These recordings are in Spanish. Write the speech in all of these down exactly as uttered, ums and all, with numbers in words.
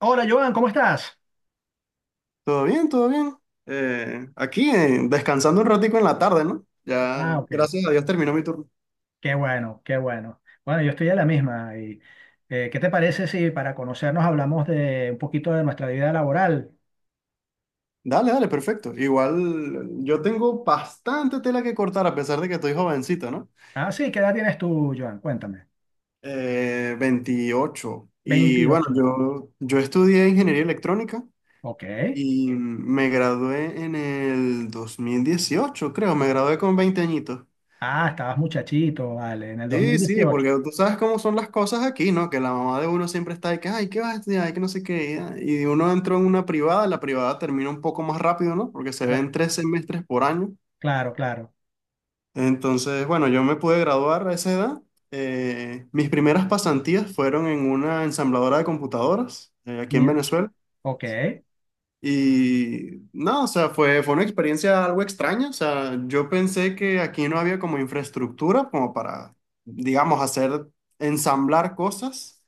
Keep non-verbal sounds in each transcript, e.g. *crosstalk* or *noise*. Hola, Joan, ¿cómo estás? Todo bien, todo bien. Eh, aquí, eh, descansando un ratico en la tarde, ¿no? Ah, Ya, ok. gracias a Dios terminó mi turno. Qué bueno, qué bueno. Bueno, yo estoy a la misma. Y, eh, ¿qué te parece si para conocernos hablamos de un poquito de nuestra vida laboral? Dale, dale, perfecto. Igual yo tengo bastante tela que cortar a pesar de que estoy jovencito, ¿no? Ah, sí, ¿qué edad tienes tú, Joan? Cuéntame. Eh, veintiocho. Y bueno, Veintiocho. yo, yo estudié ingeniería electrónica Ok. y me gradué en el dos mil dieciocho, creo. Me gradué con veinte añitos. Ah, estabas muchachito, vale, en el Sí, sí, dos mil dieciocho. porque tú sabes cómo son las cosas aquí, ¿no? Que la mamá de uno siempre está de que, ay, ¿qué vas a estudiar? Ay, que no sé qué. Y uno entró en una privada, la privada termina un poco más rápido, ¿no? Porque se Cla- ven tres semestres por año. Claro, claro. Entonces, bueno, yo me pude graduar a esa edad. Eh, mis primeras pasantías fueron en una ensambladora de computadoras, eh, aquí en Mira. Venezuela. Ok. Y no, o sea, fue, fue una experiencia algo extraña. O sea, yo pensé que aquí no había como infraestructura como para, digamos, hacer ensamblar cosas.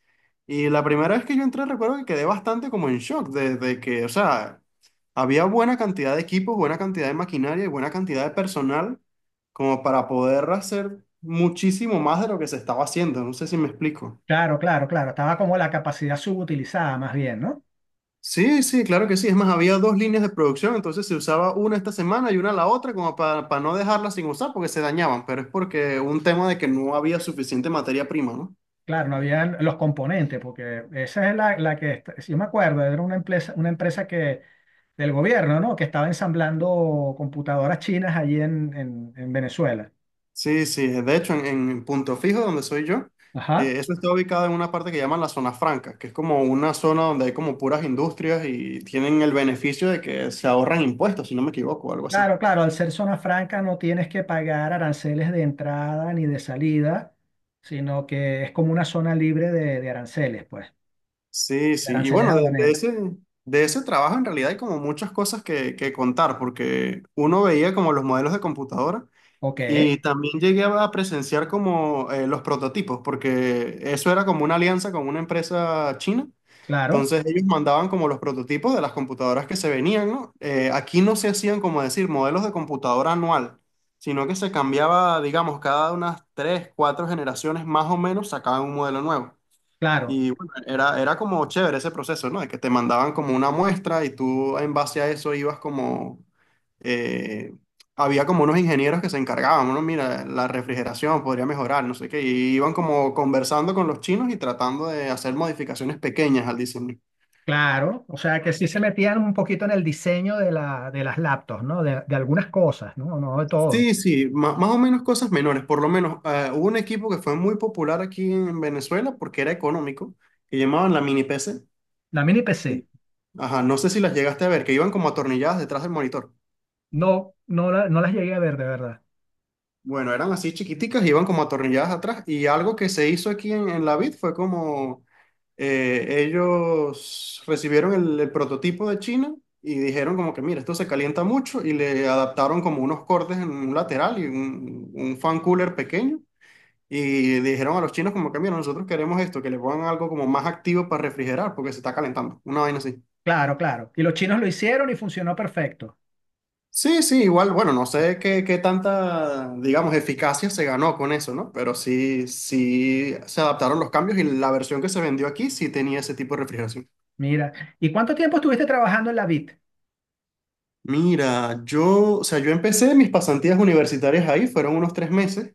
Y la primera vez que yo entré recuerdo que quedé bastante como en shock desde que, o sea, había buena cantidad de equipos, buena cantidad de maquinaria y buena cantidad de personal como para poder hacer muchísimo más de lo que se estaba haciendo. No sé si me explico. Claro, claro, claro. Estaba como la capacidad subutilizada más bien, ¿no? Sí, sí, claro que sí. Es más, había dos líneas de producción, entonces se usaba una esta semana y una la otra como para, para, no dejarlas sin usar porque se dañaban, pero es porque un tema de que no había suficiente materia prima, ¿no? Claro, no habían los componentes, porque esa es la, la que, está- si yo me acuerdo, era una empresa, una empresa que, del gobierno, ¿no? Que estaba ensamblando computadoras chinas allí en, en- en Venezuela. Sí, sí, eh, de hecho en, en Punto Fijo, donde soy yo, Ajá. eh, eso está ubicado en una parte que llaman la zona franca, que es como una zona donde hay como puras industrias y tienen el beneficio de que se ahorran impuestos, si no me equivoco, o algo así. Claro, claro, al ser zona franca no tienes que pagar aranceles de entrada ni de salida, sino que es como una zona libre de, de aranceles, pues, Sí, de sí. Y aranceles bueno, de, de aduaneros. ese, de ese trabajo en realidad hay como muchas cosas que, que contar, porque uno veía como los modelos de computadora Ok, y también llegué a presenciar como eh, los prototipos, porque eso era como una alianza con una empresa china. claro, Entonces ellos mandaban como los prototipos de las computadoras que se venían, ¿no? Eh, aquí no se hacían como decir modelos de computadora anual, sino que se cambiaba, digamos, cada unas tres, cuatro generaciones más o menos sacaban un modelo nuevo. claro. Y bueno, era, era como chévere ese proceso, ¿no? De que te mandaban como una muestra y tú en base a eso ibas como. eh, había como unos ingenieros que se encargaban, bueno, mira, la refrigeración podría mejorar, no sé qué, y iban como conversando con los chinos y tratando de hacer modificaciones pequeñas al diseño. Claro, o sea que sí se metían un poquito en el diseño de, la, de las laptops, ¿no? De, de algunas cosas, ¿no? No de todo. Sí, sí, ma- más o menos cosas menores, por lo menos eh, hubo un equipo que fue muy popular aquí en Venezuela porque era económico, que llamaban la mini P C. La mini P C, Ajá, no sé si las llegaste a ver, que iban como atornilladas detrás del monitor. no, no, la- no las llegué a ver, de verdad. Bueno, eran así chiquiticas, iban como atornilladas atrás. Y algo que se hizo aquí en, en, la vid fue como eh, ellos recibieron el, el prototipo de China y dijeron como que, mira, esto se calienta mucho y le adaptaron como unos cortes en un lateral y un, un fan cooler pequeño. Y dijeron a los chinos como que, mira, nosotros queremos esto, que le pongan algo como más activo para refrigerar porque se está calentando. Una vaina así. Claro, claro. Y los chinos lo hicieron y funcionó perfecto. Sí, sí, igual, bueno, no sé qué, qué tanta, digamos, eficacia se ganó con eso, ¿no? Pero sí, sí se adaptaron los cambios y la versión que se vendió aquí sí tenía ese tipo de refrigeración. Mira, ¿y cuánto tiempo estuviste trabajando en la Bit? Mira, yo, o sea, yo empecé mis pasantías universitarias ahí, fueron unos tres meses.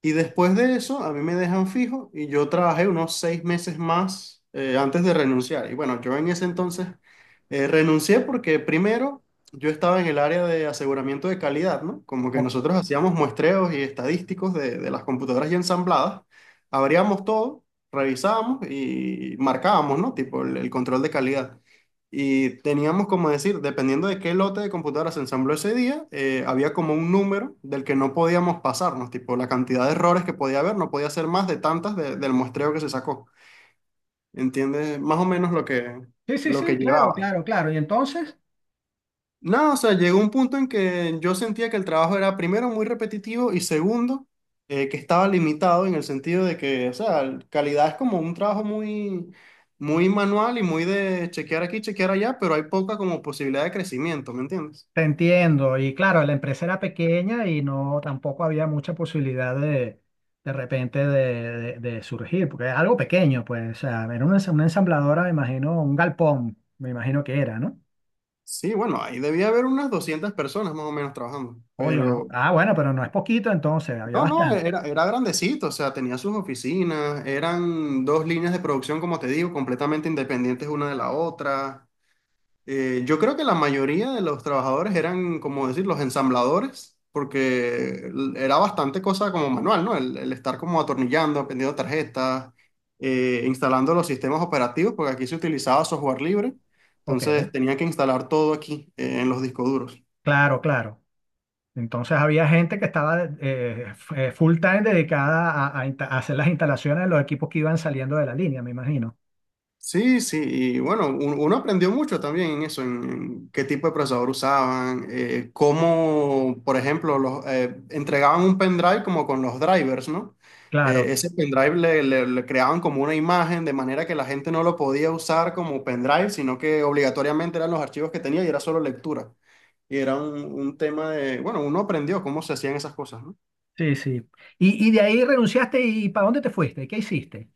Y después de eso, a mí me dejan fijo y yo trabajé unos seis meses más eh, antes de renunciar. Y bueno, yo en ese entonces eh, renuncié porque primero yo estaba en el área de aseguramiento de calidad, ¿no? Como que Ok. nosotros hacíamos muestreos y estadísticos de, de las computadoras ya ensambladas, abríamos todo, revisábamos y marcábamos, ¿no? Tipo el, el control de calidad. Y teníamos como decir, dependiendo de qué lote de computadoras se ensambló ese día, eh, había como un número del que no podíamos pasarnos, tipo la cantidad de errores que podía haber, no podía ser más de tantas de- del muestreo que se sacó. ¿Entiendes? Más o menos lo que, Sí, sí, lo que sí, claro, llevaba. claro, claro. ¿Y entonces? No, o sea, llegó un punto en que yo sentía que el trabajo era primero muy repetitivo y segundo, eh, que estaba limitado en el sentido de que, o sea, calidad es como un trabajo muy, muy manual y muy de chequear aquí, chequear allá, pero hay poca como posibilidad de crecimiento, ¿me entiendes? Te entiendo. Y claro, la empresa era pequeña y no tampoco había mucha posibilidad de de repente de, de- de surgir, porque es algo pequeño, pues. O sea, era una, ens- una ensambladora, me imagino, un galpón, me imagino que era, ¿no? Sí, bueno, ahí debía haber unas doscientas personas más o menos trabajando, O yo no. pero Ah, bueno, pero no es poquito entonces, había no, no, bastante. e-, era, era grandecito, o sea, tenía sus oficinas, eran dos líneas de producción, como te digo, completamente independientes una de la otra. Eh, yo creo que la mayoría de los trabajadores eran, como decir, los ensambladores, porque l- era bastante cosa como manual, ¿no? El, el, estar como atornillando, aprendiendo tarjetas, eh, instalando los sistemas operativos, porque aquí se utilizaba software libre, Ok, entonces tenía que instalar todo aquí, eh, en los discos duros. claro, claro. Entonces había gente que estaba eh, f- eh, full time dedicada a, a insta- a hacer las instalaciones de los equipos que iban saliendo de la línea, me imagino. Sí, sí, y bueno, un- uno aprendió mucho también en eso, en, en qué tipo de procesador usaban, eh, cómo, por ejemplo, los, eh, entregaban un pendrive como con los drivers, ¿no? Claro. Eh, ese pendrive le, le- le creaban como una imagen de manera que la gente no lo podía usar como pendrive, sino que obligatoriamente eran los archivos que tenía y era solo lectura. Y era un, un tema de, bueno, uno aprendió cómo se hacían esas cosas, ¿no? Sí, sí. Y, y de ahí renunciaste y ¿para dónde te fuiste? ¿Qué hiciste?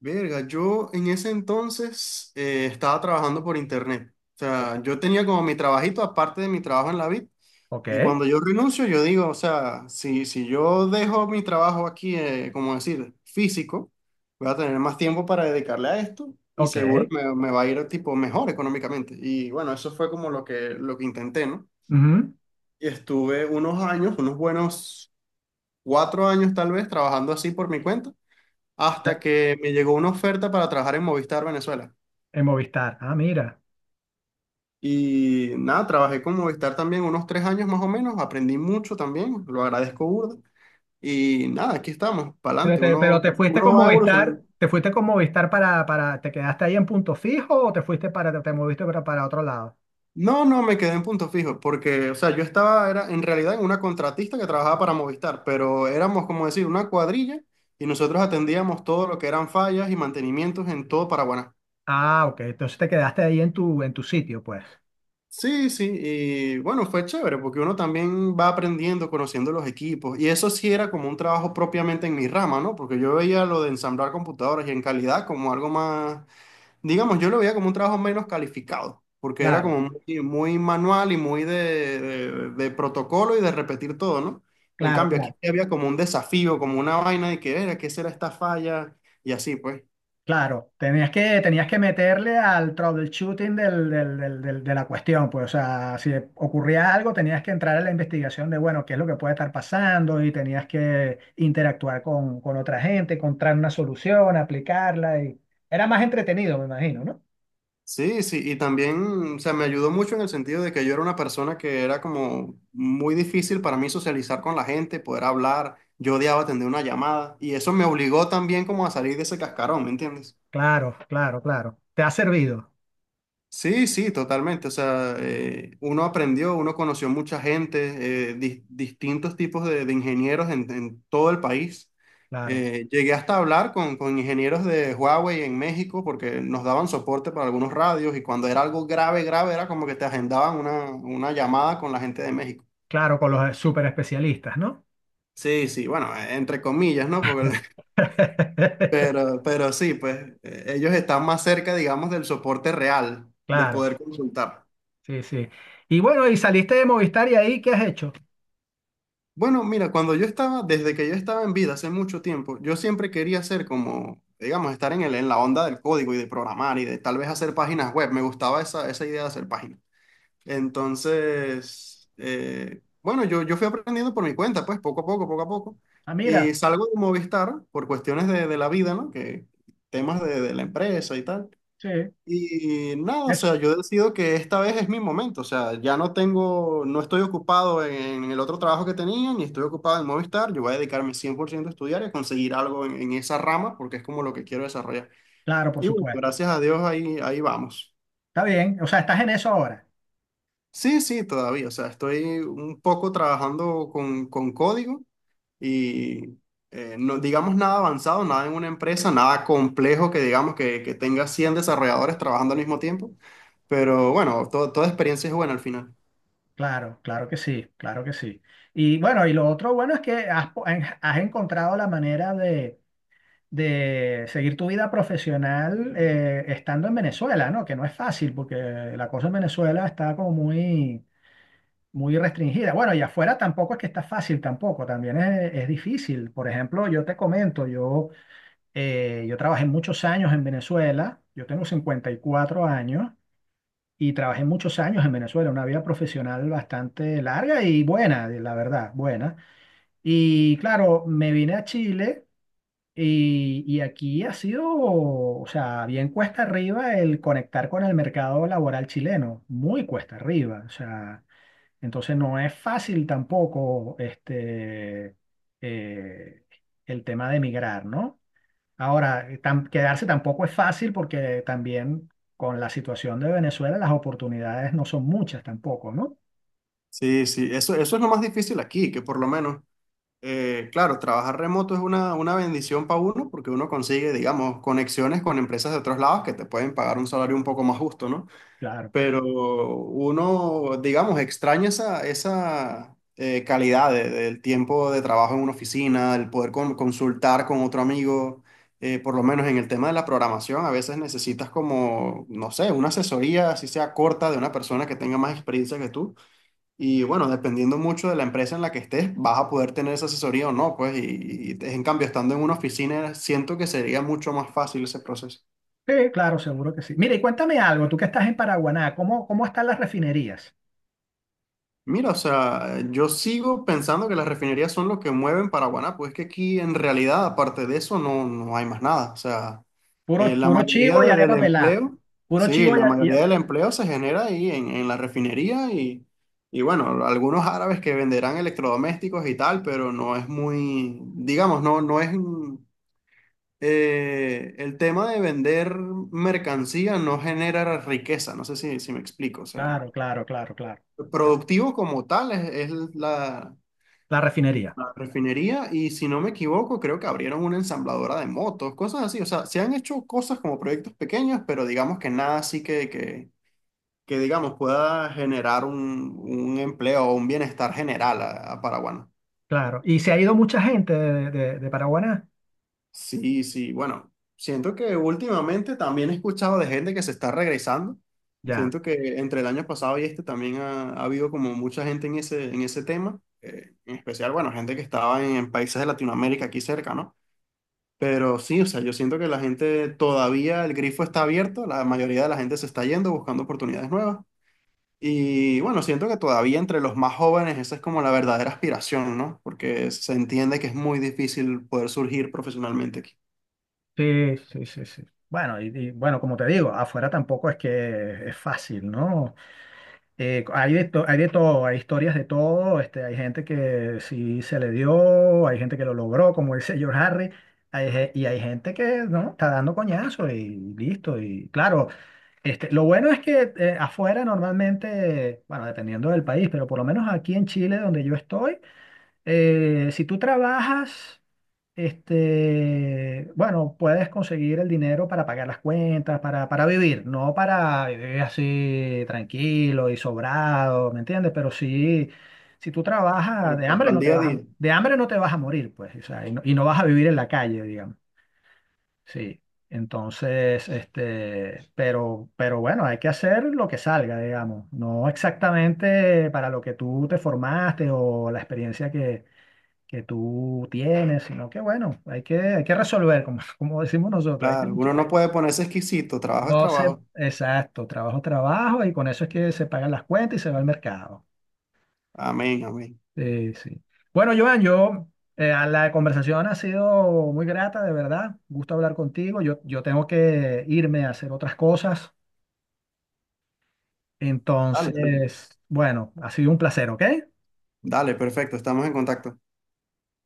Verga, yo en ese entonces eh, estaba trabajando por internet. O sea, yo tenía como mi trabajito aparte de mi trabajo en la vid. Ok, Y cuando yo renuncio, yo digo, o sea, si, si yo dejo mi trabajo aquí, eh, como decir, físico, voy a tener más tiempo para dedicarle a esto y ok. seguro me, me va a ir tipo mejor económicamente. Y bueno, eso fue como lo que, lo que intenté, ¿no? Ujú. Y estuve unos años, unos buenos cuatro años tal vez, trabajando así por mi cuenta hasta que me llegó una oferta para trabajar en Movistar Venezuela. En Movistar. Ah, mira. Y nada, trabajé con Movistar también unos tres años más o menos, aprendí mucho también, lo agradezco burda. Y nada, aquí estamos, para Pero adelante, te, pero uno, te fuiste con uno va Movistar, evolucionando. te fuiste con Movistar para, para, ¿te quedaste ahí en punto fijo o te fuiste para, te moviste para, para otro lado? No, no, me quedé en punto fijo, porque, o sea, yo estaba, era en realidad en una contratista que trabajaba para Movistar, pero éramos, como decir, una cuadrilla y nosotros atendíamos todo lo que eran fallas y mantenimientos en todo Paraguay. Ah, ok. Entonces te quedaste ahí en tu, en tu sitio, pues. Sí, sí, y bueno, fue chévere porque uno también va aprendiendo, conociendo los equipos, y eso sí era como un trabajo propiamente en mi rama, ¿no? Porque yo veía lo de ensamblar computadoras y en calidad como algo más, digamos, yo lo veía como un trabajo menos calificado, porque era Claro, como muy, muy manual y muy de, de- de protocolo y de repetir todo, ¿no? En claro, cambio, aquí claro. sí había como un desafío, como una vaina de que era, ¿qué será esta falla? Y así, pues. Claro, tenías que, tenías que meterle al troubleshooting del, del- del- del- de la cuestión, pues, o sea, si ocurría algo, tenías que entrar a la investigación de, bueno, qué es lo que puede estar pasando y tenías que interactuar con, con otra gente, encontrar una solución, aplicarla y era más entretenido, me imagino, ¿no? Sí, sí, y también, o sea, me ayudó mucho en el sentido de que yo era una persona que era como muy difícil para mí socializar con la gente, poder hablar, yo odiaba atender una llamada, y eso me obligó también como a salir de ese cascarón, ¿me entiendes? Claro, claro, claro. Te ha servido, Sí, sí, totalmente. O sea, eh, uno aprendió, uno conoció mucha gente, eh, dis- distintos tipos de, de ingenieros en, en, todo el país. claro, Eh, llegué hasta a hablar con, con ingenieros de Huawei en México porque nos daban soporte para algunos radios y cuando era algo grave, grave, era como que te agendaban una, una llamada con la gente de México. claro, con los super especialistas, ¿no? Sí, sí, bueno, eh, entre comillas, ¿no? Porque- *laughs* *laughs* pero, pero sí, pues eh, ellos están más cerca, digamos, del soporte real, de Claro, poder consultar. sí, sí. Y bueno, y saliste de Movistar y ahí, ¿qué has hecho? Bueno, mira, cuando yo estaba, desde que yo estaba en vida hace mucho tiempo, yo siempre quería ser como, digamos, estar en el, en la onda del código y de programar y de tal vez hacer páginas web. Me gustaba esa, esa idea de hacer páginas. Entonces, eh, bueno, yo, yo fui aprendiendo por mi cuenta, pues poco a poco, poco a poco. Ah, Y mira, salgo de Movistar por cuestiones de, de la vida, ¿no? Que temas de, de la empresa y tal. sí. Y nada, o Eso. sea, yo decido que esta vez es mi momento, o sea, ya no tengo, no estoy ocupado en el otro trabajo que tenía, ni estoy ocupado en Movistar, yo voy a dedicarme cien por ciento a estudiar y a conseguir algo en, en, esa rama porque es como lo que quiero desarrollar. Claro, por Y bueno, supuesto. gracias a Dios ahí, ahí vamos. Está bien. O sea, estás en eso ahora. Sí, sí, todavía, o sea, estoy un poco trabajando con, con código, y eh, no digamos nada avanzado, nada en una empresa, nada complejo que digamos que, que tenga cien desarrolladores trabajando al mismo tiempo, pero bueno, to- toda experiencia es buena al final. Claro, claro que sí, claro que sí. Y bueno, y lo otro bueno es que has, po- en- has encontrado la manera de, de seguir tu vida profesional eh, estando en Venezuela, ¿no? Que no es fácil porque la cosa en Venezuela está como muy, muy restringida. Bueno, y afuera tampoco es que está fácil tampoco, también es, es difícil. Por ejemplo, yo te comento, yo, eh, yo trabajé muchos años en Venezuela, yo tengo cincuenta y cuatro años. Y trabajé muchos años en Venezuela, una vida profesional bastante larga y buena, la verdad, buena. Y claro, me vine a Chile y, y aquí ha sido, o sea, bien cuesta arriba el conectar con el mercado laboral chileno, muy cuesta arriba, o sea, entonces no es fácil tampoco este, eh, el tema de emigrar, ¿no? Ahora, eh, tam- quedarse tampoco es fácil porque también con la situación de Venezuela las oportunidades no son muchas tampoco, ¿no? Sí, sí, eso, eso es lo más difícil aquí, que por lo menos, eh, claro, trabajar remoto es una, una bendición para uno porque uno consigue, digamos, conexiones con empresas de otros lados que te pueden pagar un salario un poco más justo, ¿no? Claro. pero uno, digamos, extraña esa, esa eh, calidad de- del tiempo de trabajo en una oficina, el poder con- consultar con otro amigo, eh, por lo menos en el tema de la programación, a veces necesitas como, no sé, una asesoría, así sea corta, de una persona que tenga más experiencia que tú. Y bueno, dependiendo mucho de la empresa en la que estés, vas a poder tener esa asesoría o no, pues, y, y en cambio, estando en una oficina, siento que sería mucho más fácil ese proceso. Sí, claro, seguro que sí. Mira y cuéntame algo, tú que estás en Paraguaná, ¿cómo, cómo están las refinerías? Mira, o sea, yo sigo pensando que las refinerías son lo que mueven Paraguaná, pues es que aquí en realidad, aparte de eso, no, no hay más nada. O sea, Puro, eh, la puro mayoría chivo y de- del arepa pelada. empleo, Puro sí, chivo y, la a- y mayoría del empleo se genera ahí en, en, la refinería y, y bueno, algunos árabes que venderán electrodomésticos y tal, pero no es muy, digamos, no, no es, mm, eh, el tema de vender mercancía no genera riqueza, no sé si, si me explico, o sea. claro, claro, claro, claro. Productivo como tal es, es, la, La refinería, la refinería y si no me equivoco creo que abrieron una ensambladora de motos, cosas así. O sea, se han hecho cosas como proyectos pequeños, pero digamos que nada así que, que, que digamos pueda generar un, un, empleo o un bienestar general a, a Paraguay. ¿no? claro. Y se ha ido mucha gente de, de, de Paraguaná. Sí, sí, bueno, siento que últimamente también he escuchado de gente que se está regresando. Ya. Siento que entre el año pasado y este también ha, ha, habido como mucha gente en ese, en ese tema, eh, en especial, bueno, gente que estaba en, en países de Latinoamérica aquí cerca, ¿no? Pero sí, o sea, yo siento que la gente todavía, el grifo está abierto, la mayoría de la gente se está yendo buscando oportunidades nuevas. Y bueno, siento que todavía entre los más jóvenes esa es como la verdadera aspiración, ¿no? Porque se entiende que es muy difícil poder surgir profesionalmente aquí. Sí, sí, sí, sí. Bueno, y, y bueno, como te digo, afuera tampoco es que es fácil, ¿no? Eh, hay de to- hay de todo, hay historias de todo, este, hay gente que sí se le dio, hay gente que lo logró, como dice *laughs* George Harry, hay ge- y hay gente que no, está dando coñazo y listo. Y claro, este, lo bueno es que eh, afuera normalmente, bueno, dependiendo del país, pero por lo menos aquí en Chile, donde yo estoy, eh, si tú trabajas, este, bueno, puedes conseguir el dinero para pagar las cuentas, para, para vivir, no para vivir así tranquilo y sobrado, ¿me entiendes? Pero sí, si tú trabajas, de Claro, hambre Al no te día a vas a, día. de hambre no te vas a morir, pues, o sea, y no, y no vas a vivir en la calle, digamos. Sí. Entonces, este, pero, pero bueno, hay que hacer lo que salga, digamos, no exactamente para lo que tú te formaste o la experiencia que tú tienes, sino que bueno, hay que, hay que resolver, como, *laughs* como decimos nosotros, hay que Claro, uno luchar. no puede ponerse exquisito, trabajo es No sé, trabajo. exacto, trabajo, trabajo, y con eso es que se pagan las cuentas y se va al mercado. Amén, amén. Sí, sí. Bueno, Joan, yo, eh, a la conversación ha sido muy grata, de verdad, gusto hablar contigo, yo, yo tengo que irme a hacer otras cosas, Dale, dale. entonces, bueno, ha sido un placer, ¿ok? Dale, perfecto, estamos en contacto.